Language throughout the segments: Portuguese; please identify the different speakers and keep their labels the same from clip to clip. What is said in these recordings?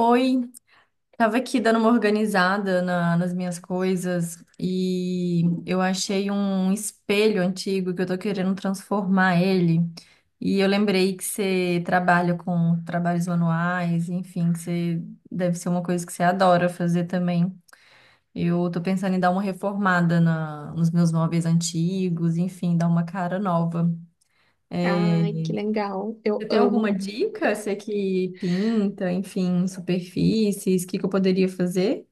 Speaker 1: Oi, tava aqui dando uma organizada nas minhas coisas e eu achei um espelho antigo que eu tô querendo transformar ele. E eu lembrei que você trabalha com trabalhos manuais, enfim, que você deve ser uma coisa que você adora fazer também. Eu tô pensando em dar uma reformada nos meus móveis antigos, enfim, dar uma cara nova. É,
Speaker 2: Ai, que legal. Eu
Speaker 1: você tem
Speaker 2: amo.
Speaker 1: alguma dica? Você que pinta, enfim, superfícies, o que que eu poderia fazer?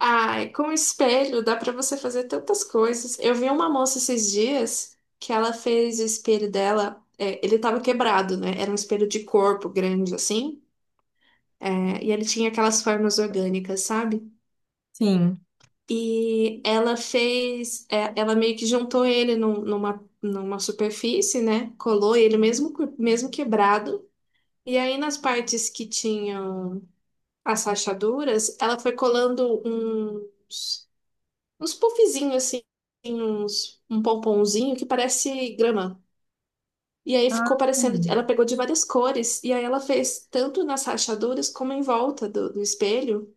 Speaker 2: Ai, com o espelho dá pra você fazer tantas coisas. Eu vi uma moça esses dias que ela fez o espelho dela, ele tava quebrado, né? Era um espelho de corpo grande assim, e ele tinha aquelas formas orgânicas, sabe?
Speaker 1: Sim.
Speaker 2: E ela fez, ela meio que juntou ele numa, numa superfície, né? Colou ele mesmo, mesmo quebrado. E aí nas partes que tinham as rachaduras, ela foi colando uns, uns puffzinhos assim, uns, um pomponzinho que parece grama. E aí
Speaker 1: Ah,
Speaker 2: ficou parecendo, ela pegou de várias cores, e aí ela fez tanto nas rachaduras como em volta do espelho.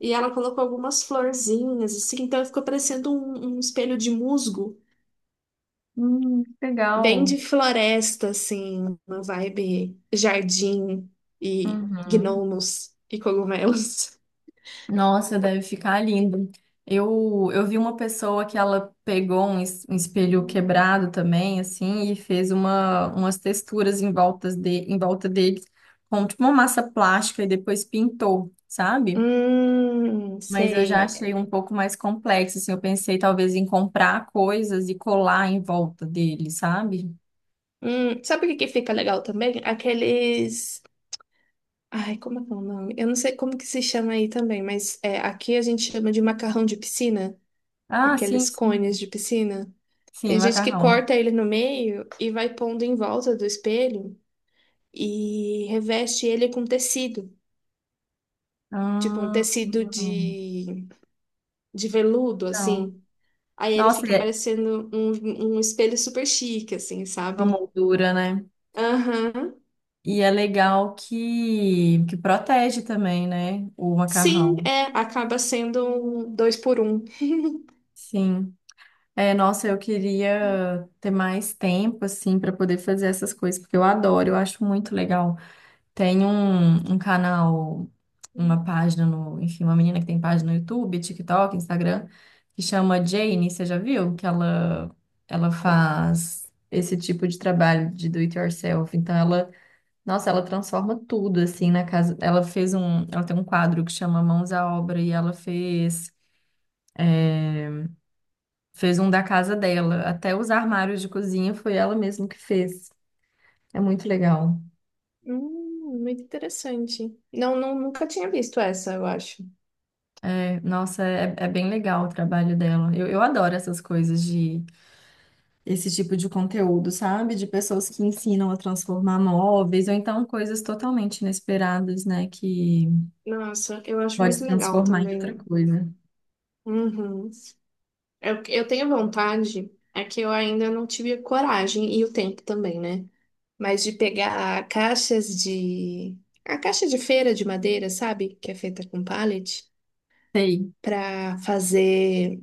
Speaker 2: E ela colocou algumas florzinhas, assim, então ficou parecendo um, um espelho de musgo,
Speaker 1: que
Speaker 2: bem
Speaker 1: legal.
Speaker 2: de floresta, assim, uma vibe jardim e
Speaker 1: Uhum.
Speaker 2: gnomos e cogumelos.
Speaker 1: Nossa, deve ficar lindo. Eu vi uma pessoa que ela pegou um, um espelho quebrado também, assim, e fez uma, umas texturas em voltas de, em volta dele, com tipo uma massa plástica, e depois pintou, sabe? Mas eu já
Speaker 2: Sei.
Speaker 1: achei um pouco mais complexo, assim, eu pensei talvez em comprar coisas e colar em volta dele, sabe?
Speaker 2: Sabe o que que fica legal também? Aqueles. Ai, como é que é o nome? Eu não sei como que se chama aí também, mas é, aqui a gente chama de macarrão de piscina,
Speaker 1: Ah, sim,
Speaker 2: aqueles cones
Speaker 1: sim,
Speaker 2: de piscina.
Speaker 1: sim,
Speaker 2: Tem gente que
Speaker 1: macarrão.
Speaker 2: corta ele no meio e vai pondo em volta do espelho e reveste ele com tecido, tipo um
Speaker 1: Ah,
Speaker 2: tecido de veludo,
Speaker 1: legal.
Speaker 2: assim. Aí ele
Speaker 1: Nossa, e
Speaker 2: fica
Speaker 1: é
Speaker 2: parecendo um, um espelho super chique, assim,
Speaker 1: uma
Speaker 2: sabe?
Speaker 1: moldura, né?
Speaker 2: Aham.
Speaker 1: E é legal que protege também, né? O
Speaker 2: Sim,
Speaker 1: macarrão.
Speaker 2: é, acaba sendo um dois por um.
Speaker 1: Sim. É, nossa, eu queria ter mais tempo, assim, para poder fazer essas coisas, porque eu adoro, eu acho muito legal. Tem um, um canal, uma página no, enfim, uma menina que tem página no YouTube, TikTok, Instagram, que chama Jane, você já viu? Que ela faz esse tipo de trabalho de do it yourself. Então, ela... Nossa, ela transforma tudo assim na casa. Ela fez um, ela tem um quadro que chama Mãos à Obra e ela fez um da casa dela. Até os armários de cozinha foi ela mesma que fez. É muito legal.
Speaker 2: Muito interessante. Não, não, nunca tinha visto essa, eu acho.
Speaker 1: É, nossa, é, é bem legal o trabalho dela. Eu adoro essas coisas de esse tipo de conteúdo, sabe? De pessoas que ensinam a transformar móveis ou então coisas totalmente inesperadas, né? Que
Speaker 2: Nossa, eu acho
Speaker 1: pode
Speaker 2: muito legal
Speaker 1: transformar em outra
Speaker 2: também.
Speaker 1: coisa.
Speaker 2: Uhum. Eu tenho vontade, é que eu ainda não tive a coragem e o tempo também, né? Mas de pegar caixas de. A caixa de feira de madeira, sabe? Que é feita com pallet,
Speaker 1: Sei.
Speaker 2: para fazer.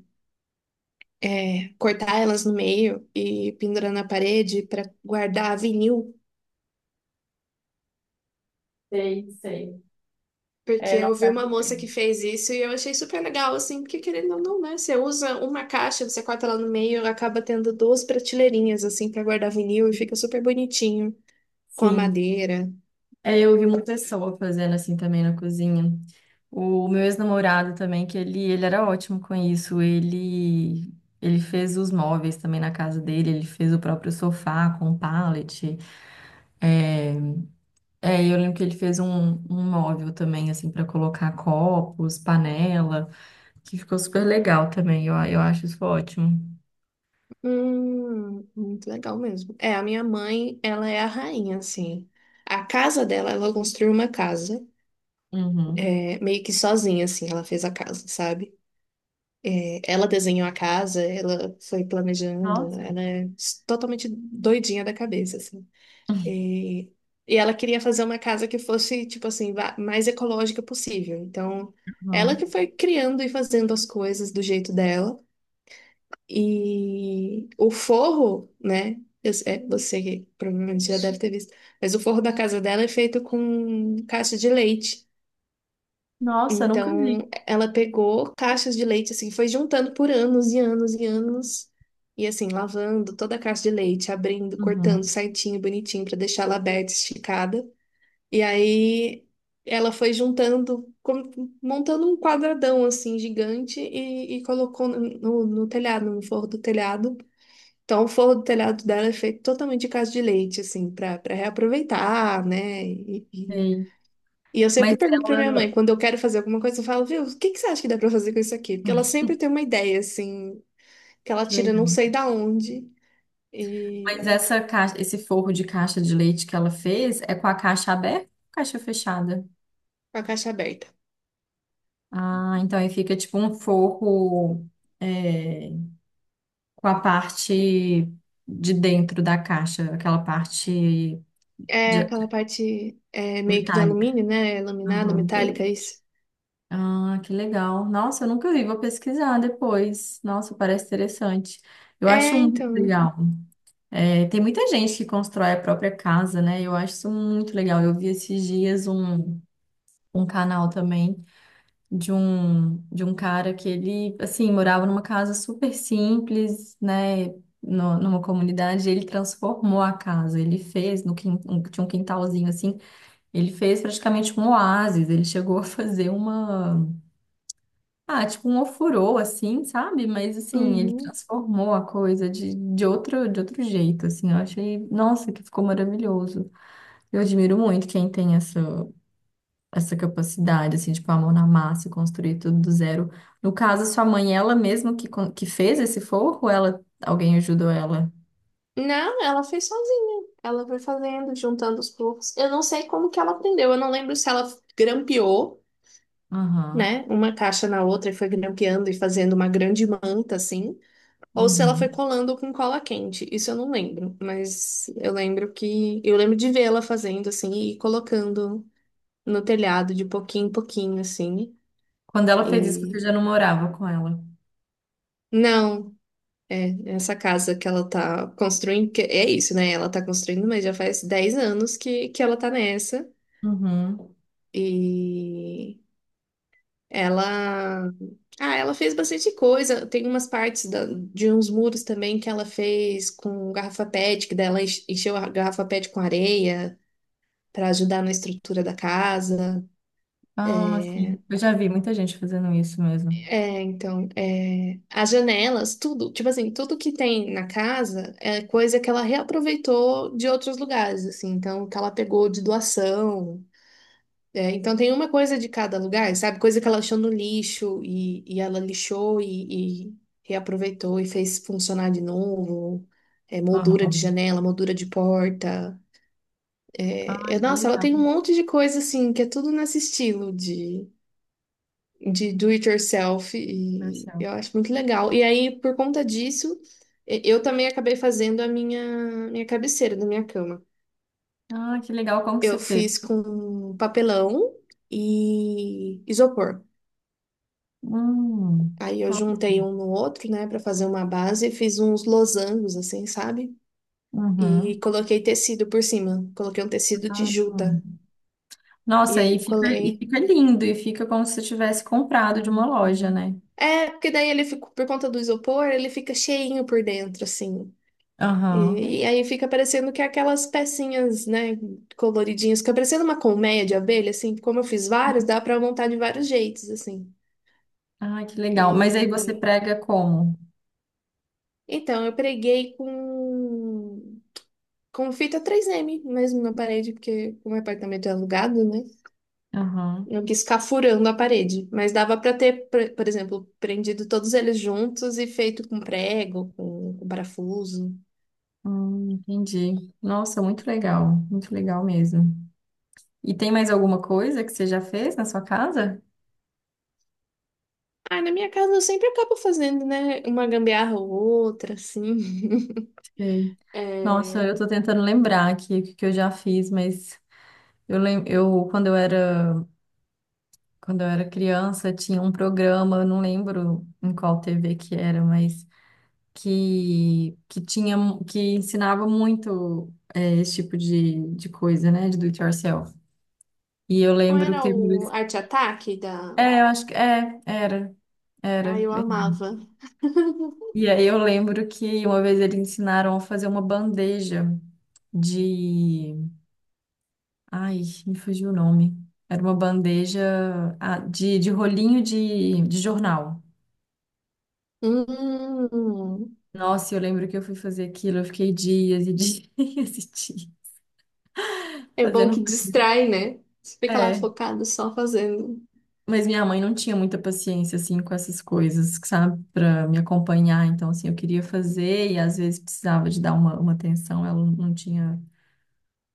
Speaker 2: É, cortar elas no meio e pendurar na parede para guardar vinil.
Speaker 1: Sei, sei.
Speaker 2: Porque
Speaker 1: É,
Speaker 2: eu vi
Speaker 1: nossa.
Speaker 2: uma moça que fez isso e eu achei super legal, assim, porque querendo ou não, né? Você usa uma caixa, você corta ela no meio, acaba tendo duas prateleirinhas, assim, pra guardar vinil e fica super bonitinho, com a
Speaker 1: Sim.
Speaker 2: madeira.
Speaker 1: É, eu vi uma pessoa fazendo assim também na cozinha. O meu ex-namorado também, que ele era ótimo com isso. Ele fez os móveis também na casa dele, ele fez o próprio sofá com pallet. É, é, eu lembro que ele fez um, um móvel também, assim, para colocar copos, panela, que ficou super legal também. Eu acho isso ótimo.
Speaker 2: Muito legal mesmo. É, a minha mãe, ela é a rainha, assim. A casa dela, ela construiu uma casa,
Speaker 1: Uhum.
Speaker 2: é, meio que sozinha, assim, ela fez a casa, sabe? É, ela desenhou a casa, ela foi planejando,
Speaker 1: Nossa.
Speaker 2: ela é totalmente doidinha da cabeça, assim. E, e ela queria fazer uma casa que fosse, tipo assim, mais ecológica possível. Então, ela
Speaker 1: Uhum.
Speaker 2: que foi criando e fazendo as coisas do jeito dela. E o forro, né? Você que provavelmente já deve ter visto, mas o forro da casa dela é feito com caixa de leite.
Speaker 1: Nossa, eu nunca
Speaker 2: Então,
Speaker 1: vi.
Speaker 2: ela pegou caixas de leite, assim, foi juntando por anos e anos e anos. E assim, lavando toda a caixa de leite, abrindo, cortando
Speaker 1: Uhum.
Speaker 2: certinho, bonitinho, para deixar ela aberta, esticada. E aí ela foi juntando, montando um quadradão assim gigante e colocou no, no telhado, no forro do telhado. Então, o forro do telhado dela é feito totalmente de casa de leite, assim, para para reaproveitar, né? E,
Speaker 1: Sei.
Speaker 2: e eu sempre
Speaker 1: Mas
Speaker 2: pergunto para minha mãe,
Speaker 1: ela...
Speaker 2: quando eu quero fazer alguma coisa, eu falo, viu, o que que você acha que dá para fazer com isso aqui? Porque ela sempre tem uma ideia, assim, que ela
Speaker 1: Que
Speaker 2: tira não
Speaker 1: legal.
Speaker 2: sei da onde
Speaker 1: Mas
Speaker 2: e
Speaker 1: essa caixa, esse forro de caixa de leite que ela fez é com a caixa aberta ou caixa fechada?
Speaker 2: com a caixa aberta.
Speaker 1: Ah, então aí fica tipo um forro é, com a parte de dentro da caixa, aquela parte
Speaker 2: É
Speaker 1: de-
Speaker 2: aquela parte é, meio que de
Speaker 1: metálica.
Speaker 2: alumínio, né? Laminada, metálica,
Speaker 1: Uhum.
Speaker 2: é isso.
Speaker 1: Ah, que legal. Nossa, eu nunca vi, vou pesquisar depois. Nossa, parece interessante. Eu acho
Speaker 2: É,
Speaker 1: muito
Speaker 2: então.
Speaker 1: legal. É, tem muita gente que constrói a própria casa, né? Eu acho isso muito legal. Eu vi esses dias um, um canal também, de um cara que ele assim morava numa casa super simples, né? Numa comunidade, ele transformou a casa, ele fez no tinha um quintalzinho assim, ele fez praticamente um oásis, ele chegou a fazer uma ah, tipo um ofurô assim, sabe? Mas assim, ele
Speaker 2: Uhum.
Speaker 1: transformou a coisa de outro jeito, assim, eu achei, nossa, que ficou maravilhoso. Eu admiro muito quem tem essa capacidade, assim, tipo, a mão na massa e construir tudo do zero. No caso, sua mãe, ela mesma que, que fez esse forro, ou ela, alguém ajudou ela?
Speaker 2: Não, ela fez sozinha. Ela foi fazendo, juntando os poucos. Eu não sei como que ela aprendeu. Eu não lembro se ela grampeou,
Speaker 1: Aham,
Speaker 2: né, uma caixa na outra e foi grampeando e fazendo uma grande manta assim, ou se ela foi
Speaker 1: uhum.
Speaker 2: colando com cola quente. Isso eu não lembro, mas eu lembro que eu lembro de vê-la fazendo assim e colocando no telhado de pouquinho em pouquinho assim.
Speaker 1: Quando ela fez isso, você
Speaker 2: E
Speaker 1: já não morava com ela?
Speaker 2: não. É, essa casa que ela tá construindo, que é isso, né? Ela tá construindo, mas já faz 10 anos que ela tá nessa.
Speaker 1: Uhum.
Speaker 2: E ela. Ah, ela fez bastante coisa. Tem umas partes de uns muros também que ela fez com garrafa PET, que dela encheu a garrafa PET com areia para ajudar na estrutura da casa.
Speaker 1: Ah, sim.
Speaker 2: É,
Speaker 1: Eu já vi muita gente fazendo isso mesmo.
Speaker 2: é, então, é, as janelas, tudo, tipo assim, tudo que tem na casa é coisa que ela reaproveitou de outros lugares, assim, então, que ela pegou de doação. É, então, tem uma coisa de cada lugar, sabe? Coisa que ela achou no lixo e ela lixou e reaproveitou e fez funcionar de novo. É, moldura de
Speaker 1: Aham.
Speaker 2: janela, moldura de porta.
Speaker 1: Ah,
Speaker 2: É, é,
Speaker 1: que
Speaker 2: nossa, ela
Speaker 1: legal,
Speaker 2: tem um monte de coisa, assim, que é tudo nesse estilo de do it yourself e
Speaker 1: Marcelo.
Speaker 2: eu acho muito legal. E aí, por conta disso, eu também acabei fazendo a minha cabeceira da minha cama.
Speaker 1: Ah, que legal. Como que você
Speaker 2: Eu
Speaker 1: fez?
Speaker 2: fiz com papelão e isopor.
Speaker 1: Hum.
Speaker 2: Aí eu juntei um no outro, né, para fazer uma base e fiz uns losangos assim, sabe? E
Speaker 1: Uhum.
Speaker 2: coloquei tecido por cima. Coloquei um tecido de
Speaker 1: Ah.
Speaker 2: juta. E
Speaker 1: Nossa,
Speaker 2: aí eu
Speaker 1: e
Speaker 2: colei.
Speaker 1: fica lindo, e fica como se você tivesse comprado de uma loja,
Speaker 2: Uhum.
Speaker 1: né?
Speaker 2: É, porque daí ele ficou, por conta do isopor, ele fica cheinho por dentro, assim.
Speaker 1: Aham.
Speaker 2: E aí fica parecendo que é aquelas pecinhas, né, coloridinhas, fica parecendo uma colmeia de abelha, assim, como eu fiz vários,
Speaker 1: Sim.
Speaker 2: dá pra montar de vários jeitos, assim.
Speaker 1: Ah, que legal. Mas aí você
Speaker 2: E-
Speaker 1: prega como?
Speaker 2: Então, eu preguei com fita 3M mesmo na parede, porque o meu apartamento é alugado, né?
Speaker 1: Aham.
Speaker 2: Eu quis ficar furando a parede, mas dava pra ter, por exemplo, prendido todos eles juntos e feito com prego, com parafuso.
Speaker 1: Entendi. Nossa, muito legal. Muito legal mesmo. E tem mais alguma coisa que você já fez na sua casa?
Speaker 2: Ah, na minha casa eu sempre acabo fazendo, né, uma gambiarra ou outra, assim.
Speaker 1: Sei. Nossa, eu
Speaker 2: É,
Speaker 1: tô tentando lembrar aqui o que que eu já fiz, mas eu lembro, eu quando eu era criança tinha um programa, eu não lembro em qual TV que era, mas que tinha que ensinava muito é, esse tipo de coisa, né, de do it yourself. E eu
Speaker 2: não
Speaker 1: lembro que
Speaker 2: era
Speaker 1: teve...
Speaker 2: o Arte Ataque da.
Speaker 1: É, eu acho que é, era,
Speaker 2: Ai,
Speaker 1: era.
Speaker 2: eu amava.
Speaker 1: E aí eu lembro que uma vez eles ensinaram a fazer uma bandeja de, ai, me fugiu o nome. Era uma bandeja ah, de rolinho de jornal.
Speaker 2: Hum,
Speaker 1: Nossa, eu lembro que eu fui fazer aquilo, eu fiquei dias e dias e dias
Speaker 2: é bom
Speaker 1: fazendo.
Speaker 2: que distrai, né? Você fica lá
Speaker 1: É,
Speaker 2: focado só fazendo.
Speaker 1: mas minha mãe não tinha muita paciência assim com essas coisas, sabe, para me acompanhar. Então, assim, eu queria fazer e às vezes precisava de dar uma atenção, ela não tinha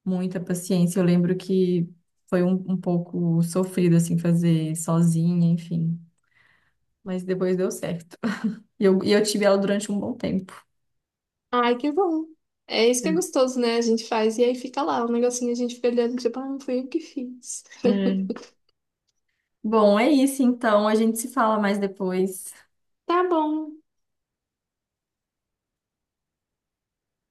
Speaker 1: muita paciência. Eu lembro que foi um, um pouco sofrido, assim, fazer sozinha, enfim. Mas depois deu certo. E eu tive ela durante um bom tempo.
Speaker 2: Ai, que bom. É isso que é gostoso, né? A gente faz e aí fica lá, o negocinho a gente fica olhando, tipo, ah, não fui eu que fiz.
Speaker 1: É. Bom, é isso então. A gente se fala mais depois.
Speaker 2: Tá bom.